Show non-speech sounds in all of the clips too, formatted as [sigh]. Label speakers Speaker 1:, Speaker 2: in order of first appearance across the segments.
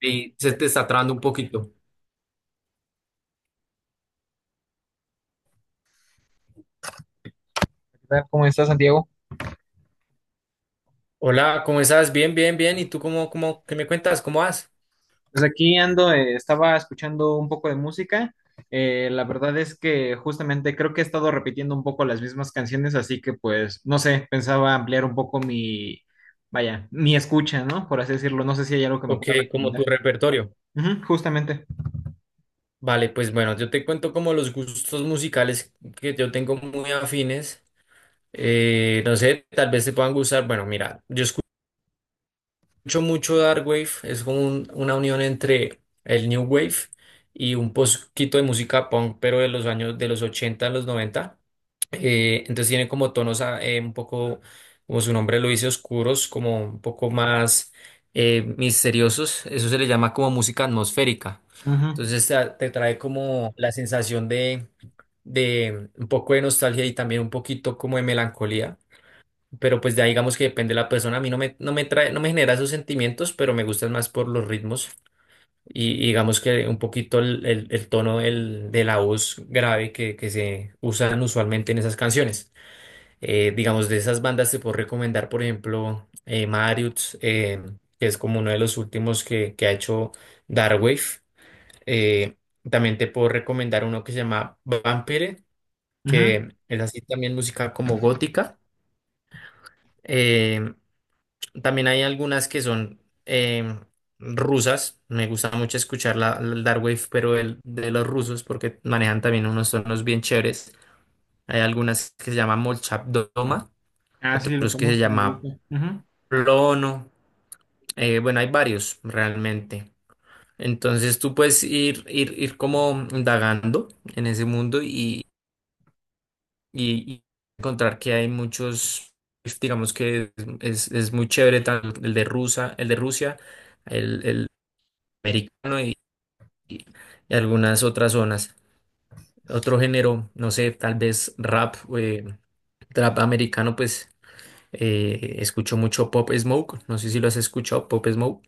Speaker 1: Y se te está trabando un poquito.
Speaker 2: Tal? ¿Cómo estás, Santiago?
Speaker 1: Hola, ¿cómo estás? Bien, bien, bien. ¿Y tú cómo, qué me cuentas? ¿Cómo vas?
Speaker 2: Pues aquí ando, estaba escuchando un poco de música. La verdad es que justamente creo que he estado repitiendo un poco las mismas canciones, así que pues, no sé, pensaba ampliar un poco mi, vaya, mi escucha, ¿no? Por así decirlo. No sé si hay algo que me
Speaker 1: ¿O
Speaker 2: pueda
Speaker 1: qué, como tu
Speaker 2: recomendar.
Speaker 1: repertorio?
Speaker 2: Ujú, justamente.
Speaker 1: Vale, pues bueno, yo te cuento como los gustos musicales que yo tengo muy afines. No sé, tal vez te puedan gustar. Bueno, mira, yo escucho mucho Dark Wave, es como una unión entre el New Wave y un poquito de música punk, pero de los años de los ochenta a los noventa. Entonces tiene como tonos un poco, como su nombre lo dice, oscuros, como un poco más misteriosos. Eso se le llama como música atmosférica.
Speaker 2: Ujú,
Speaker 1: Entonces te trae como la sensación de un poco de nostalgia y también un poquito como de melancolía. Pero pues ya digamos que depende de la persona. A mí no me trae, no me genera esos sentimientos, pero me gustan más por los ritmos y digamos que un poquito el tono de la voz grave que se usan usualmente en esas canciones. Digamos, de esas bandas te puedo recomendar, por ejemplo, Marius, que es como uno de los últimos que ha hecho Darkwave. Eh, También te puedo recomendar uno que se llama Vampire,
Speaker 2: ujú.
Speaker 1: que es así también música como gótica. Eh, También hay algunas que son eh, rusas. Me gusta mucho escuchar el Dark Wave, pero el de los rusos, porque manejan también unos tonos bien chéveres. Hay algunas que se llaman Molchat Doma,
Speaker 2: Ah, sí, lo
Speaker 1: otros que se
Speaker 2: conozco, me
Speaker 1: llama
Speaker 2: gusta. Ujú.
Speaker 1: Plono. Bueno, hay varios realmente. Entonces tú puedes ir como indagando en ese mundo y, y encontrar que hay muchos, digamos que es muy chévere, tanto el de Rusa, el de Rusia. El americano y algunas otras zonas. Otro género, no sé, tal vez rap, trap americano, pues escucho mucho Pop Smoke, no sé si lo has escuchado, Pop Smoke.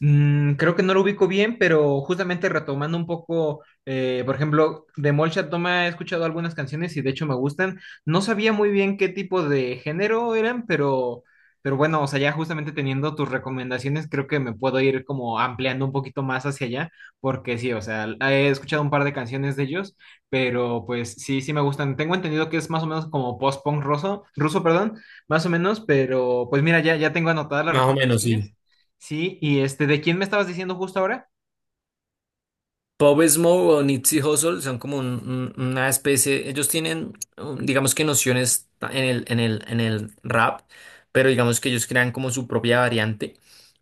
Speaker 2: Mm, creo que no lo ubico bien, pero justamente retomando un poco, por ejemplo, de Molchat Doma he escuchado algunas canciones y de hecho me gustan. No sabía muy bien qué tipo de género eran, pero bueno, o sea, ya justamente teniendo tus recomendaciones, creo que me puedo ir como ampliando un poquito más hacia allá, porque sí, o sea, he escuchado un par de canciones de ellos, pero pues sí, sí me gustan. Tengo entendido que es más o menos como post-punk ruso, ruso, perdón, más o menos, pero pues mira, ya tengo anotadas las
Speaker 1: Más o menos, sí.
Speaker 2: recomendaciones. Sí, y este, ¿de quién me estabas diciendo justo ahora?
Speaker 1: Pop Smoke o Nipsey Hussle son como una especie. Ellos tienen, digamos que nociones en en el rap, pero digamos que ellos crean como su propia variante,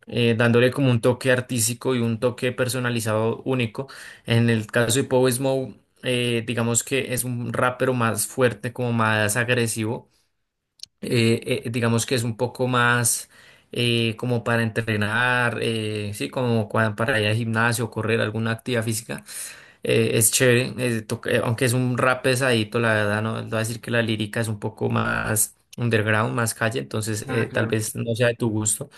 Speaker 1: dándole como un toque artístico y un toque personalizado único. En el caso de Pop Smoke, digamos que es un rapero más fuerte, como más agresivo. Digamos que es un poco más... como para entrenar, sí, como para ir al gimnasio, correr alguna actividad física. Es chévere, aunque es un rap pesadito, la verdad. No voy a decir que la lírica es un poco más underground, más calle, entonces
Speaker 2: Ah,
Speaker 1: tal
Speaker 2: claro.
Speaker 1: vez no sea de tu gusto.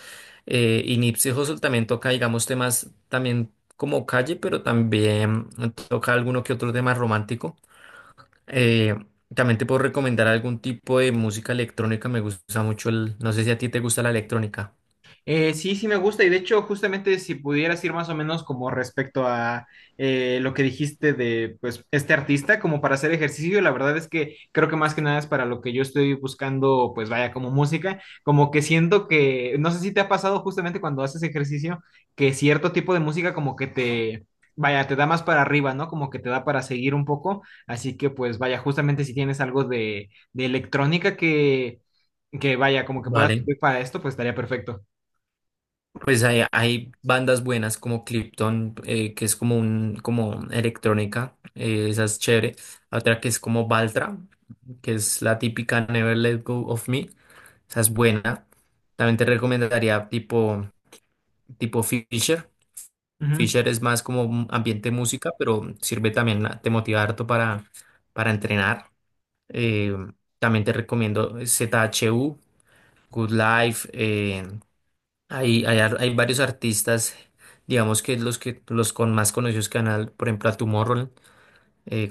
Speaker 1: Y Nipsey Hussle también toca, digamos, temas también como calle, pero también toca alguno que otro tema romántico. Eh, También te puedo recomendar algún tipo de música electrónica. Me gusta mucho el, no sé si a ti te gusta la electrónica.
Speaker 2: Sí, sí me gusta y de hecho justamente si pudieras ir más o menos como respecto a lo que dijiste de pues este artista como para hacer ejercicio, la verdad es que creo que más que nada es para lo que yo estoy buscando pues vaya como música, como que siento que no sé si te ha pasado justamente cuando haces ejercicio que cierto tipo de música como que te vaya te da más para arriba, ¿no? Como que te da para seguir un poco, así que pues vaya justamente si tienes algo de electrónica que vaya como que puedas
Speaker 1: Vale.
Speaker 2: servir para esto pues estaría perfecto.
Speaker 1: Pues hay bandas buenas como Krypton, que es como un, como electrónica. Esa es chévere. Otra que es como Baltra, que es la típica Never Let Go of Me, esa es buena. También te recomendaría tipo Fisher.
Speaker 2: Ujú.
Speaker 1: Fisher es más como un ambiente música, pero sirve también, te motiva harto para entrenar. Eh, También te recomiendo Z H U Good Life. Hay, hay varios artistas, digamos que los con más conocidos canal por ejemplo, a Tomorrow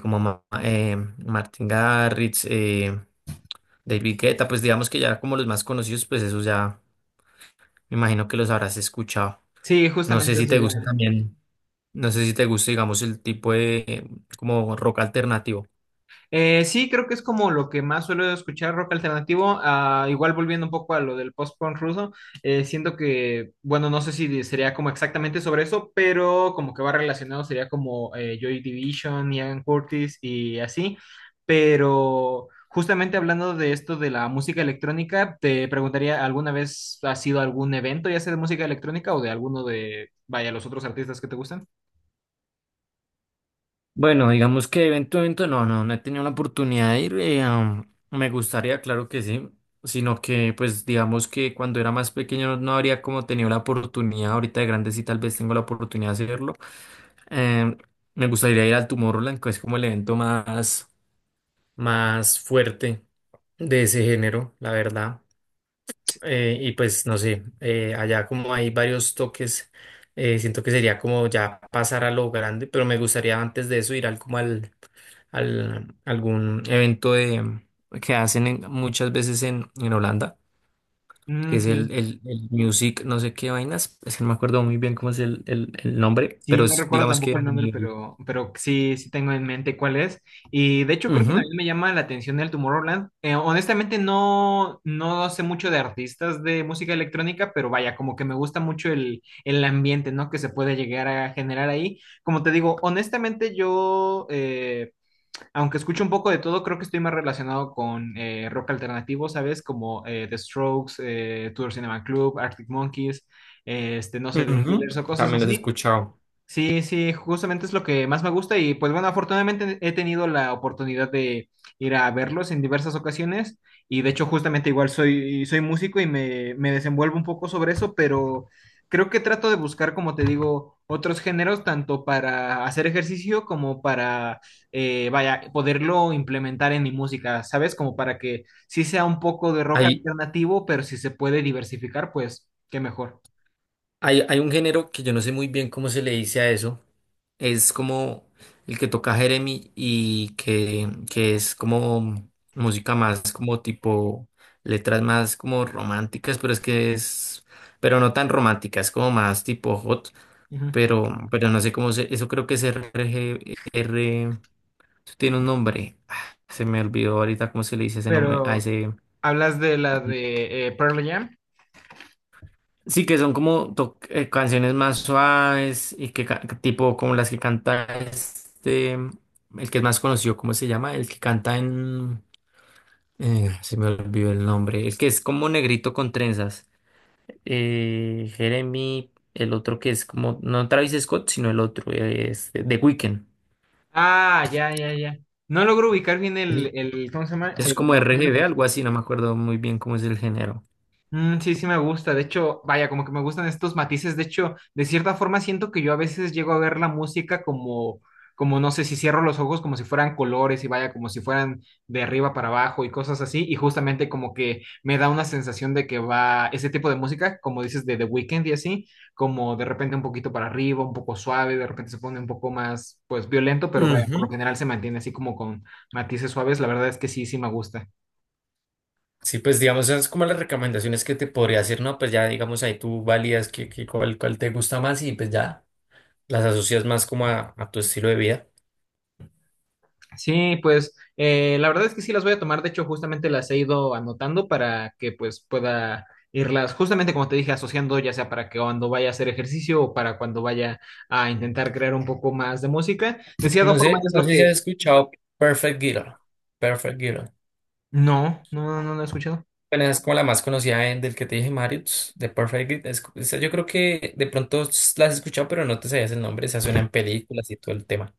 Speaker 1: como Martin Garrix, David Guetta, pues digamos que ya como los más conocidos, pues esos ya me imagino que los habrás escuchado.
Speaker 2: Sí,
Speaker 1: No sé
Speaker 2: justamente
Speaker 1: si
Speaker 2: eso
Speaker 1: te gusta
Speaker 2: ya.
Speaker 1: también, no sé si te gusta, digamos, el tipo de como rock alternativo.
Speaker 2: Sí, creo que es como lo que más suelo escuchar rock alternativo. Ah, igual volviendo un poco a lo del post-punk ruso, siento que, bueno, no sé si sería como exactamente sobre eso, pero como que va relacionado sería como Joy Division, Ian Curtis y así. Pero justamente hablando de esto de la música electrónica, te preguntaría, ¿alguna vez has sido algún evento, ya sea de música electrónica o de alguno de, vaya, los otros artistas que te gustan?
Speaker 1: Bueno, digamos que evento, evento, no, no he tenido la oportunidad de ir. Me gustaría, claro que sí, sino que, pues, digamos que cuando era más pequeño no, no habría como tenido la oportunidad. Ahorita de grande sí, tal vez tengo la oportunidad de hacerlo. Eh, Me gustaría ir al Tomorrowland, que es como el evento más, más fuerte de ese género, la verdad.
Speaker 2: Sí.
Speaker 1: Y pues no sé, allá como hay varios toques. Siento que sería como ya pasar a lo grande, pero me gustaría antes de eso ir al al algún evento de que hacen muchas veces en Holanda, que
Speaker 2: Mm,
Speaker 1: es
Speaker 2: sí.
Speaker 1: el Music, no sé qué vainas, es que no me acuerdo muy bien cómo es el nombre,
Speaker 2: Sí,
Speaker 1: pero
Speaker 2: no
Speaker 1: es
Speaker 2: recuerdo
Speaker 1: digamos que
Speaker 2: tampoco
Speaker 1: a
Speaker 2: el nombre,
Speaker 1: nivel.
Speaker 2: pero sí, sí tengo en mente cuál es. Y de hecho creo que
Speaker 1: Ujú,
Speaker 2: también me llama la atención el Tomorrowland. Honestamente no, no sé mucho de artistas de música electrónica, pero vaya, como que me gusta mucho el ambiente, ¿no? Que se puede llegar a generar ahí. Como te digo, honestamente yo, aunque escucho un poco de todo, creo que estoy más relacionado con rock alternativo, ¿sabes? Como The Strokes, Tudor Cinema Club, Arctic Monkeys, este, no sé, The Killers o
Speaker 1: ujú,
Speaker 2: cosas
Speaker 1: también los he
Speaker 2: así.
Speaker 1: escuchado.
Speaker 2: Sí, sí, justamente es lo que más me gusta y pues bueno, afortunadamente he tenido la oportunidad de ir a verlos en diversas ocasiones y de hecho justamente igual soy, soy músico y me desenvuelvo un poco sobre eso, pero creo que trato de buscar, como te digo, otros géneros tanto para hacer ejercicio como para, vaya, poderlo implementar en mi música, ¿sabes? Como para que sí sea un poco de rock
Speaker 1: Hay,
Speaker 2: alternativo, pero si se puede diversificar, pues qué mejor.
Speaker 1: hay un género que yo no sé muy bien cómo se le dice a eso, es como el que toca Jeremy y que es como música más como tipo letras más como románticas, pero es que es, pero no tan románticas, como más tipo hot,
Speaker 2: Ujú.
Speaker 1: pero no sé cómo se, eso creo que es RG, R, eso tiene un nombre. Ah, se me olvidó ahorita cómo se le dice ese nombre a
Speaker 2: Pero...
Speaker 1: ese.
Speaker 2: ¿Hablas de la de Pearl Jam?
Speaker 1: Sí, que son como canciones más suaves y que tipo como las que canta este, el que es más conocido, ¿cómo se llama? El que canta en... se me olvidó el nombre, el que es como negrito con trenzas. Jeremy, el otro que es como, no Travis Scott, sino el otro, es The Weeknd.
Speaker 2: Ah, ya, ya, ya. No logro ubicar bien
Speaker 1: Es,
Speaker 2: el, ¿cómo se llama?
Speaker 1: es
Speaker 2: El...
Speaker 1: como RGB, algo así, no me acuerdo muy bien cómo es el género.
Speaker 2: Mm, sí, sí me gusta. De hecho, vaya, como que me gustan estos matices. De hecho, de cierta forma siento que yo a veces llego a ver la música como, como no sé, si cierro los ojos como si fueran colores y vaya, como si fueran de arriba para abajo y cosas así. Y justamente como que me da una sensación de que va ese tipo de música, como dices, de The Weeknd y así, como de repente un poquito para arriba, un poco suave, de repente se pone un poco más, pues, violento, pero vaya, por lo
Speaker 1: Ujú.
Speaker 2: general se mantiene así como con matices suaves. La verdad es que sí, sí me gusta.
Speaker 1: Sí, pues digamos, esas como las recomendaciones que te podría hacer, ¿no? Pues ya digamos ahí tú validas que cuál, cuál te gusta más y pues ya las asocias más como a tu estilo de vida.
Speaker 2: Sí, pues la verdad es que sí las voy a tomar. De hecho, justamente las he ido anotando para que pues pueda irlas, justamente como te dije, asociando ya sea para que cuando vaya a hacer ejercicio o para cuando vaya a intentar crear un poco más de música. De cierta
Speaker 1: No sé,
Speaker 2: forma es
Speaker 1: no
Speaker 2: lo
Speaker 1: sé si has
Speaker 2: que...
Speaker 1: escuchado Perfect Girl. Perfect Girl.
Speaker 2: No, no, no, no, no he escuchado.
Speaker 1: Bueno, esa es como la más conocida del que te dije, Marius, de Perfect Girl. Esa yo creo que de pronto la has escuchado, pero no te sabías el nombre. Esa suena en películas y todo el tema.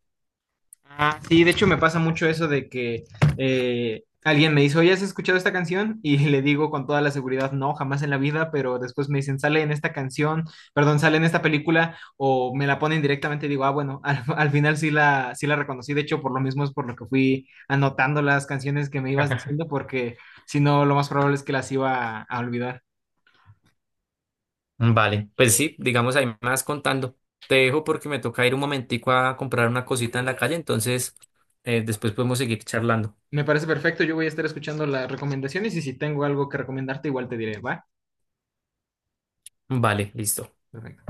Speaker 2: Ah, sí, de hecho me pasa mucho eso de que alguien me dice, oye, ¿has escuchado esta canción? Y le digo con toda la seguridad, no, jamás en la vida, pero después me dicen, sale en esta canción, perdón, sale en esta película, o me la ponen directamente y digo, ah, bueno, [laughs] al, al final sí la, sí la reconocí, de hecho por lo mismo es por lo que fui anotando las canciones que me ibas
Speaker 1: [laughs]
Speaker 2: diciendo, porque si no, lo más probable es que las iba a olvidar.
Speaker 1: Vale, pues sí, digamos ahí más contando. Te dejo porque me toca ir un momentico a comprar una cosita en la calle, entonces después podemos seguir charlando.
Speaker 2: Me parece perfecto, yo voy a estar escuchando las recomendaciones y si tengo algo que recomendarte, igual te diré, ¿va?
Speaker 1: Vale, listo.
Speaker 2: Perfecto.